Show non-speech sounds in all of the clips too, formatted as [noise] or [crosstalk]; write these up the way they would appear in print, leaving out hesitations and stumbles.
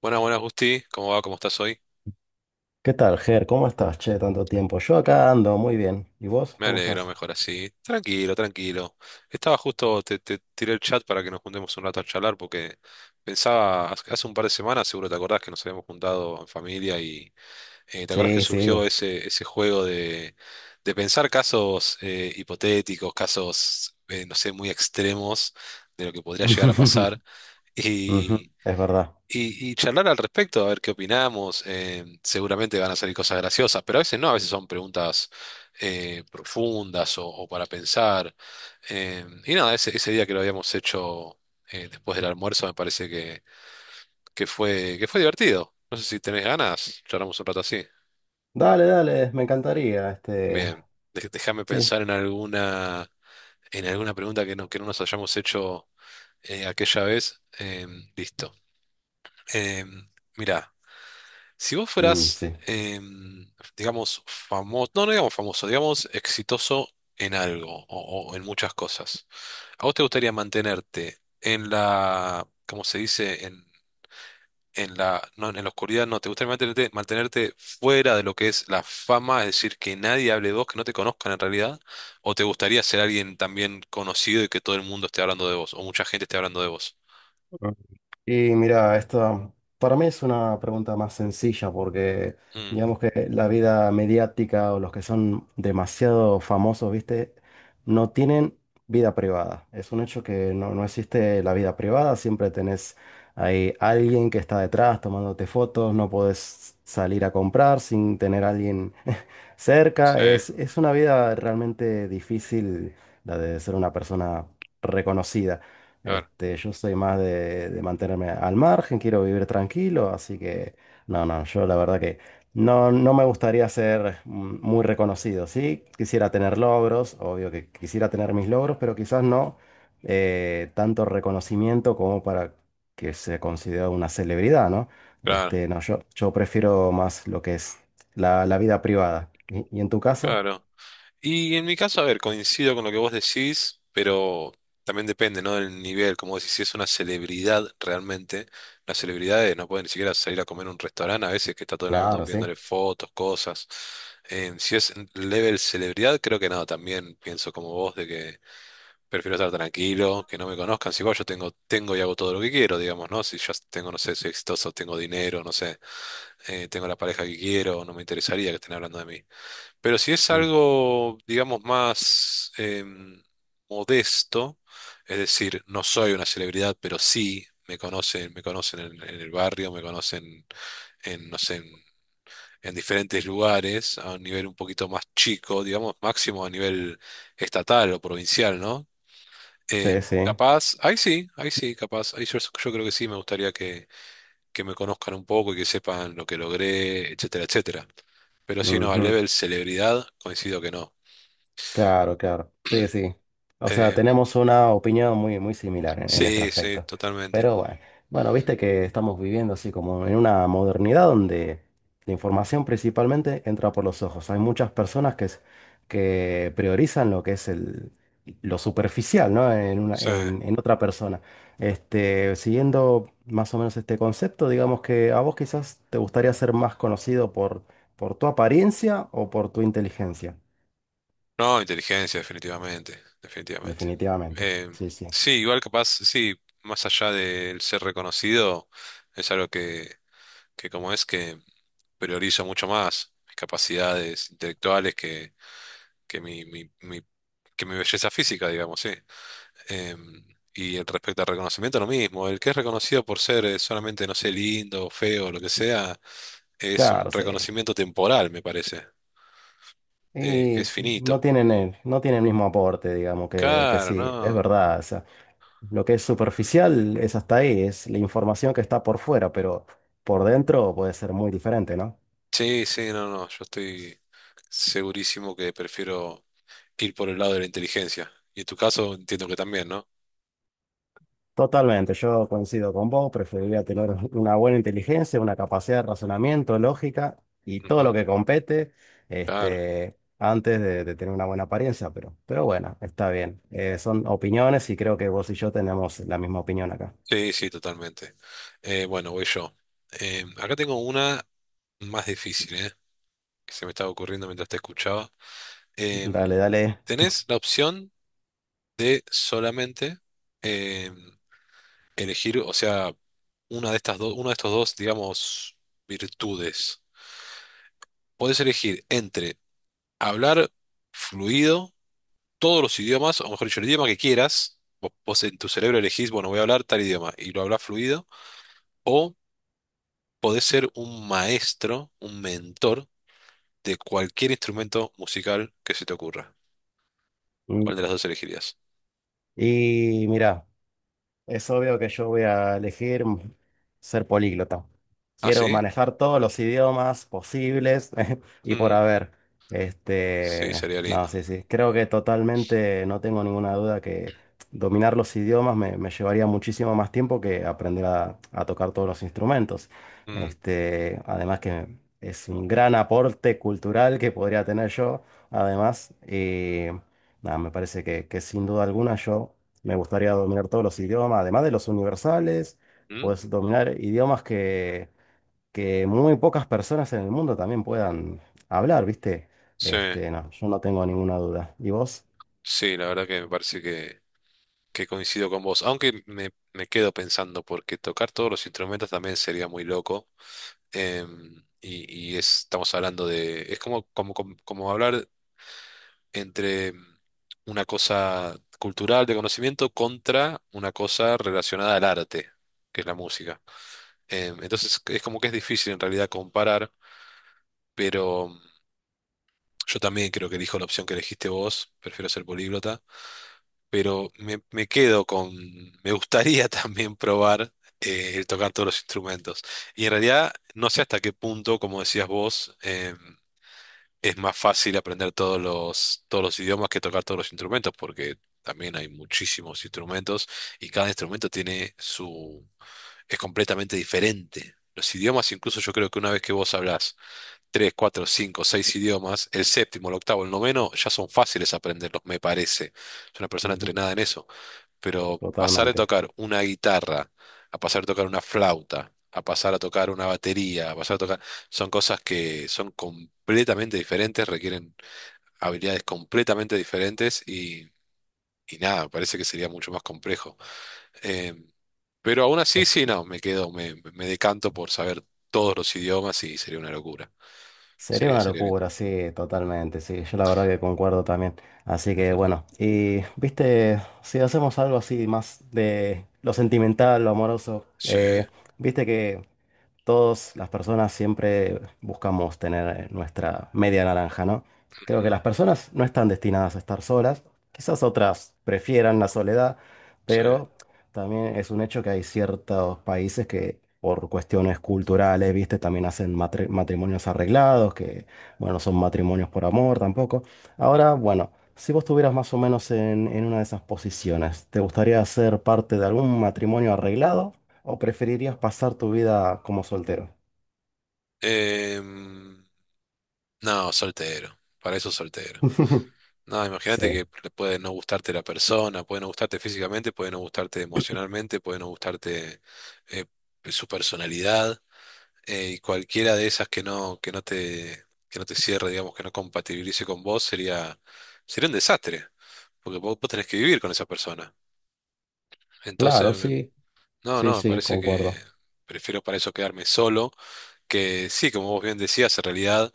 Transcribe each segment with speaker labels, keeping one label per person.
Speaker 1: Buenas, buenas, Gusti. ¿Cómo va? ¿Cómo estás hoy?
Speaker 2: ¿Qué tal, Ger? ¿Cómo estás? Che, tanto tiempo. Yo acá ando muy bien. ¿Y vos?
Speaker 1: Me
Speaker 2: ¿Cómo
Speaker 1: alegro,
Speaker 2: estás?
Speaker 1: mejor así. Tranquilo, tranquilo. Estaba justo, te tiré el chat para que nos juntemos un rato a charlar porque pensaba, hace un par de semanas, seguro te acordás que nos habíamos juntado en familia y te acordás que
Speaker 2: Sí,
Speaker 1: surgió
Speaker 2: sí.
Speaker 1: ese juego de pensar casos hipotéticos, casos, no sé, muy extremos de lo que podría llegar a
Speaker 2: [laughs]
Speaker 1: pasar.
Speaker 2: Ujú, es verdad.
Speaker 1: Y charlar al respecto, a ver qué opinamos. Seguramente van a salir cosas graciosas, pero a veces no, a veces son preguntas profundas o para pensar. Y nada, ese día que lo habíamos hecho después del almuerzo me parece que fue divertido. No sé si tenés ganas, charlamos un rato así.
Speaker 2: Dale, dale, me encantaría. Este.
Speaker 1: Bien, déjame
Speaker 2: Sí.
Speaker 1: pensar en alguna pregunta que no nos hayamos hecho aquella vez. Listo. Mira, si vos
Speaker 2: Mm,
Speaker 1: fueras,
Speaker 2: sí.
Speaker 1: digamos, famoso, no, no digamos famoso, digamos exitoso en algo o en muchas cosas, ¿a vos te gustaría mantenerte en la, como se dice, en la, no, en la oscuridad? No, ¿te gustaría mantenerte, mantenerte fuera de lo que es la fama, es decir, que nadie hable de vos, que no te conozcan en realidad? ¿O te gustaría ser alguien también conocido y que todo el mundo esté hablando de vos, o mucha gente esté hablando de vos?
Speaker 2: Y mira, esta para mí es una pregunta más sencilla porque
Speaker 1: Mm,
Speaker 2: digamos que la vida mediática o los que son demasiado famosos, ¿viste? No tienen vida privada. Es un hecho que no existe la vida privada, siempre tenés ahí alguien que está detrás tomándote fotos, no podés salir a comprar sin tener a alguien [laughs]
Speaker 1: sí,
Speaker 2: cerca. Es una vida realmente difícil la de ser una persona reconocida.
Speaker 1: claro,
Speaker 2: Este, yo soy más de mantenerme al margen, quiero vivir tranquilo, así que no, no, yo la verdad que no, no me gustaría ser muy reconocido, ¿sí? Quisiera tener logros, obvio que quisiera tener mis logros, pero quizás no tanto reconocimiento como para que se considere una celebridad, ¿no?
Speaker 1: claro,
Speaker 2: Este, no, yo prefiero más lo que es la vida privada. Y en tu caso?
Speaker 1: claro. Y en mi caso, a ver, coincido con lo que vos decís, pero también depende, ¿no? Del nivel, como decís, si es una celebridad realmente, las celebridades no pueden ni siquiera salir a comer a un restaurante a veces que está todo el mundo
Speaker 2: Claro, sí.
Speaker 1: pidiéndole fotos, cosas. Si es level celebridad, creo que no, también pienso como vos de que prefiero estar tranquilo, que no me conozcan. Si igual yo tengo, tengo y hago todo lo que quiero, digamos, ¿no? Si ya tengo, no sé, soy exitoso, tengo dinero, no sé, tengo la pareja que quiero, no me interesaría que estén hablando de mí. Pero si es
Speaker 2: Mm.
Speaker 1: algo, digamos, más modesto, es decir, no soy una celebridad, pero sí me conocen en el barrio, me conocen en, no sé, en diferentes lugares, a un nivel un poquito más chico, digamos, máximo a nivel estatal o provincial, ¿no?
Speaker 2: Sí, sí.
Speaker 1: Capaz, ahí sí, capaz, ahí yo, yo creo que sí, me gustaría que me conozcan un poco y que sepan lo que logré, etcétera, etcétera. Pero si no, al level celebridad, coincido que no.
Speaker 2: Claro, claro. Sí, sí. O sea,
Speaker 1: Eh,
Speaker 2: tenemos una opinión muy, muy similar en este
Speaker 1: sí, sí,
Speaker 2: aspecto.
Speaker 1: totalmente.
Speaker 2: Pero bueno, bueno, viste que estamos viviendo así como en una modernidad donde la información principalmente entra por los ojos. Hay muchas personas que, es- que priorizan lo que es el, lo superficial, ¿no? En una,
Speaker 1: Sí.
Speaker 2: en otra persona. Este, siguiendo más o menos este concepto, digamos que a vos quizás te gustaría ser más conocido por tu apariencia o por tu inteligencia.
Speaker 1: No, inteligencia, definitivamente, definitivamente.
Speaker 2: Definitivamente,
Speaker 1: Eh,
Speaker 2: sí, sí.
Speaker 1: sí, igual capaz, sí, más allá del ser reconocido, es algo que como es que priorizo mucho más mis capacidades intelectuales que que mi belleza física, digamos, sí. Eh, y el respecto al reconocimiento, lo mismo. El que es reconocido por ser solamente, no sé, lindo, feo, lo que sea, es
Speaker 2: Claro,
Speaker 1: un
Speaker 2: sí.
Speaker 1: reconocimiento temporal, me parece. Que
Speaker 2: Y
Speaker 1: es
Speaker 2: s- no
Speaker 1: finito.
Speaker 2: tienen el, no tienen el mismo aporte, digamos, que
Speaker 1: Claro,
Speaker 2: sí, es
Speaker 1: no.
Speaker 2: verdad. O sea, lo que es superficial es hasta ahí, es la información que está por fuera, pero por dentro puede ser muy diferente, ¿no?
Speaker 1: Sí, sí, no, no. Yo estoy segurísimo que prefiero ir por el lado de la inteligencia. Y en tu caso entiendo que también, ¿no?
Speaker 2: Totalmente, yo coincido con vos, preferiría tener una buena inteligencia, una capacidad de razonamiento, lógica y todo lo
Speaker 1: Ujú,
Speaker 2: que compete,
Speaker 1: claro.
Speaker 2: este, antes de tener una buena apariencia, pero bueno, está bien. Son opiniones y creo que vos y yo tenemos la misma opinión acá.
Speaker 1: Sí, sí, totalmente. Bueno, voy yo. Acá tengo una más difícil, ¿eh? Que se me estaba ocurriendo mientras te escuchaba.
Speaker 2: Dale,
Speaker 1: Em,
Speaker 2: dale.
Speaker 1: tenés la opción de solamente em, elegir, o sea, una de estas dos, uno de estos dos, digamos, virtudes. Podés elegir entre hablar fluido todos los idiomas, o mejor dicho, el idioma que quieras. Vos en tu cerebro elegís, bueno, voy a hablar tal idioma y lo hablas fluido. O podés ser un maestro, un mentor de cualquier instrumento musical que se te ocurra.
Speaker 2: Mm.
Speaker 1: ¿Cuál de las dos elegirías?
Speaker 2: Y mira. Es obvio que yo voy a elegir ser políglota.
Speaker 1: ¿Ah,
Speaker 2: Quiero
Speaker 1: sí?
Speaker 2: manejar todos los idiomas posibles [laughs] y por
Speaker 1: Mm,
Speaker 2: haber.
Speaker 1: sí,
Speaker 2: Este,
Speaker 1: sería
Speaker 2: no,
Speaker 1: lindo.
Speaker 2: sí, sí. Creo que totalmente no tengo ninguna duda que dominar los idiomas me llevaría muchísimo más tiempo que aprender a tocar todos los instrumentos.
Speaker 1: Mm,
Speaker 2: Este, además que es un gran aporte cultural que podría tener yo, además. Y nada, me parece que sin duda alguna yo. Me gustaría dominar todos los idiomas, además de los universales,
Speaker 1: mm,
Speaker 2: pues dominar idiomas que muy pocas personas en el mundo también puedan hablar, ¿viste?
Speaker 1: sí,
Speaker 2: Este, no, yo no tengo ninguna duda. ¿Y vos?
Speaker 1: sí, la verdad que me parece que coincido con vos. Aunque me quedo pensando, porque tocar todos los instrumentos también sería muy loco. Y estamos hablando de, es como, como hablar entre una cosa cultural de conocimiento contra una cosa relacionada al arte, que es la música. Entonces es como que es difícil en realidad comparar, pero yo también creo que elijo la opción que elegiste vos, prefiero ser políglota, pero me quedo con, me gustaría [laughs] también probar. El tocar todos los instrumentos. Y en realidad no sé hasta qué punto, como decías vos, es más fácil aprender todos los idiomas que tocar todos los instrumentos, porque también hay muchísimos instrumentos y cada instrumento tiene su, es completamente diferente. Los idiomas, incluso yo creo que una vez que vos hablás tres, cuatro, cinco, seis idiomas, el séptimo, el octavo, el noveno, ya son fáciles aprenderlos, me parece. Es una persona
Speaker 2: Ujú,
Speaker 1: entrenada en eso. Pero pasar de
Speaker 2: totalmente.
Speaker 1: tocar una guitarra a pasar a tocar una flauta, a pasar a tocar una batería, a pasar a tocar, son cosas que son completamente diferentes, requieren habilidades completamente diferentes y nada, parece que sería mucho más complejo. Eh, pero aún así,
Speaker 2: Es-
Speaker 1: sí, no, me quedo, me decanto por saber todos los idiomas y sería una locura.
Speaker 2: sería
Speaker 1: Sería,
Speaker 2: una
Speaker 1: sería lindo.
Speaker 2: locura, sí, totalmente, sí. Yo la verdad que concuerdo también. Así que bueno,
Speaker 1: [laughs]
Speaker 2: y viste, si hacemos algo así más de lo sentimental, lo amoroso,
Speaker 1: Sí,
Speaker 2: viste que todas las personas siempre buscamos tener nuestra media naranja, ¿no? Creo que
Speaker 1: ujú,
Speaker 2: las personas no están destinadas a estar solas, quizás otras prefieran la soledad,
Speaker 1: sí.
Speaker 2: pero también es un hecho que hay ciertos países que por cuestiones culturales, viste, también hacen matrimonios arreglados, que, bueno, son matrimonios por amor tampoco.
Speaker 1: Ujú.
Speaker 2: Ahora, bueno, si vos estuvieras más o menos en una de esas posiciones, ¿te gustaría ser parte de algún matrimonio arreglado? ¿O preferirías pasar tu vida como soltero?
Speaker 1: Em, no, soltero. Para eso soltero.
Speaker 2: [laughs]
Speaker 1: No, imagínate
Speaker 2: Sí,
Speaker 1: que le puede no gustarte la persona, puede no gustarte físicamente, puede no gustarte emocionalmente, puede no gustarte eh, su personalidad, y cualquiera de esas que no te cierre, digamos, que no compatibilice con vos, sería, sería un desastre, porque vos tenés que vivir con esa persona. Entonces,
Speaker 2: claro, sí,
Speaker 1: no,
Speaker 2: sí,
Speaker 1: no, me
Speaker 2: sí,
Speaker 1: parece que
Speaker 2: concuerdo.
Speaker 1: prefiero para eso quedarme solo, que sí, como vos bien decías, en realidad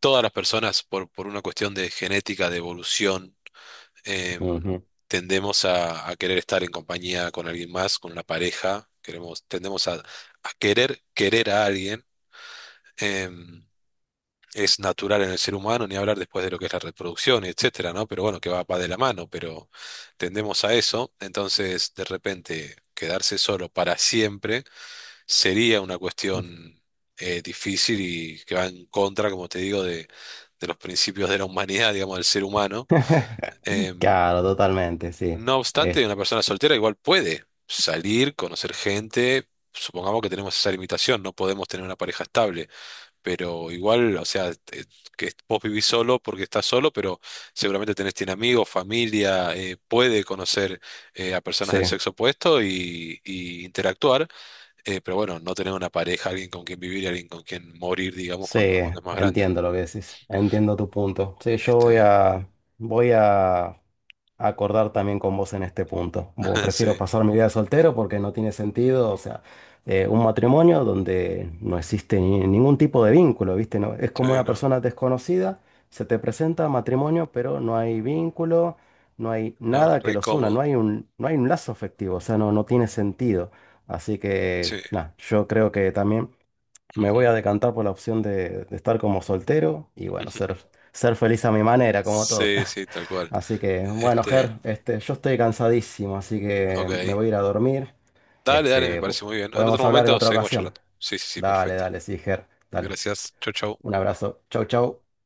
Speaker 1: todas las personas por una cuestión de genética, de evolución, eh,
Speaker 2: Ujú.
Speaker 1: tendemos a querer estar en compañía con alguien más, con una pareja, queremos, tendemos a querer querer a alguien. eh, es natural en el ser humano, ni hablar después de lo que es la reproducción, etcétera, ¿no? Pero bueno, que va, va de la mano, pero tendemos a eso. Entonces, de repente, quedarse solo para siempre sería una cuestión difícil y que va en contra, como te digo, de los principios de la humanidad, digamos, del ser humano.
Speaker 2: [laughs]
Speaker 1: Em,
Speaker 2: Claro, totalmente, sí.
Speaker 1: no obstante,
Speaker 2: Es-
Speaker 1: una persona soltera igual puede salir, conocer gente. Supongamos que tenemos esa limitación, no podemos tener una pareja estable, pero igual, o sea, que vos vivís solo porque estás solo, pero seguramente tenés, tiene amigos, familia, puede conocer a personas
Speaker 2: sí,
Speaker 1: del sexo opuesto y interactuar, pero bueno, no tener una pareja, alguien con quien vivir, alguien con quien morir, digamos,
Speaker 2: sí,
Speaker 1: cuando, cuando es más grande.
Speaker 2: entiendo lo que decís, entiendo tu punto. Sí, yo
Speaker 1: Este,
Speaker 2: voy a, voy a acordar también con vos en este punto. Bueno,
Speaker 1: [laughs]
Speaker 2: prefiero
Speaker 1: sí,
Speaker 2: pasar mi vida de soltero porque no tiene sentido, o sea, un matrimonio donde no existe ningún tipo de vínculo, ¿viste? No, es
Speaker 1: sí,
Speaker 2: como una
Speaker 1: no,
Speaker 2: persona desconocida, se te presenta matrimonio, pero no hay vínculo, no hay
Speaker 1: no,
Speaker 2: nada que
Speaker 1: re
Speaker 2: los una,
Speaker 1: cómodo,
Speaker 2: no hay un, no hay un lazo afectivo, o sea, no, no tiene sentido. Así que,
Speaker 1: sí.
Speaker 2: nada, yo creo que también... Me voy a decantar por la opción de estar como soltero y bueno, ser,
Speaker 1: Ujú.
Speaker 2: ser feliz a mi manera, como todos.
Speaker 1: Sí, sí,
Speaker 2: [laughs]
Speaker 1: tal cual.
Speaker 2: Así que, bueno,
Speaker 1: Este,
Speaker 2: Ger, este, yo estoy cansadísimo, así que me
Speaker 1: ok.
Speaker 2: voy a ir a dormir.
Speaker 1: Dale, dale, me
Speaker 2: Este,
Speaker 1: parece muy bien. En otro
Speaker 2: podemos hablar en
Speaker 1: momento
Speaker 2: otra
Speaker 1: seguimos
Speaker 2: ocasión.
Speaker 1: charlando. Sí, sí, sí,
Speaker 2: Dale,
Speaker 1: perfecto.
Speaker 2: dale, sí, Ger, dale.
Speaker 1: Gracias. Chau, chau.
Speaker 2: Un abrazo. Chau, chau.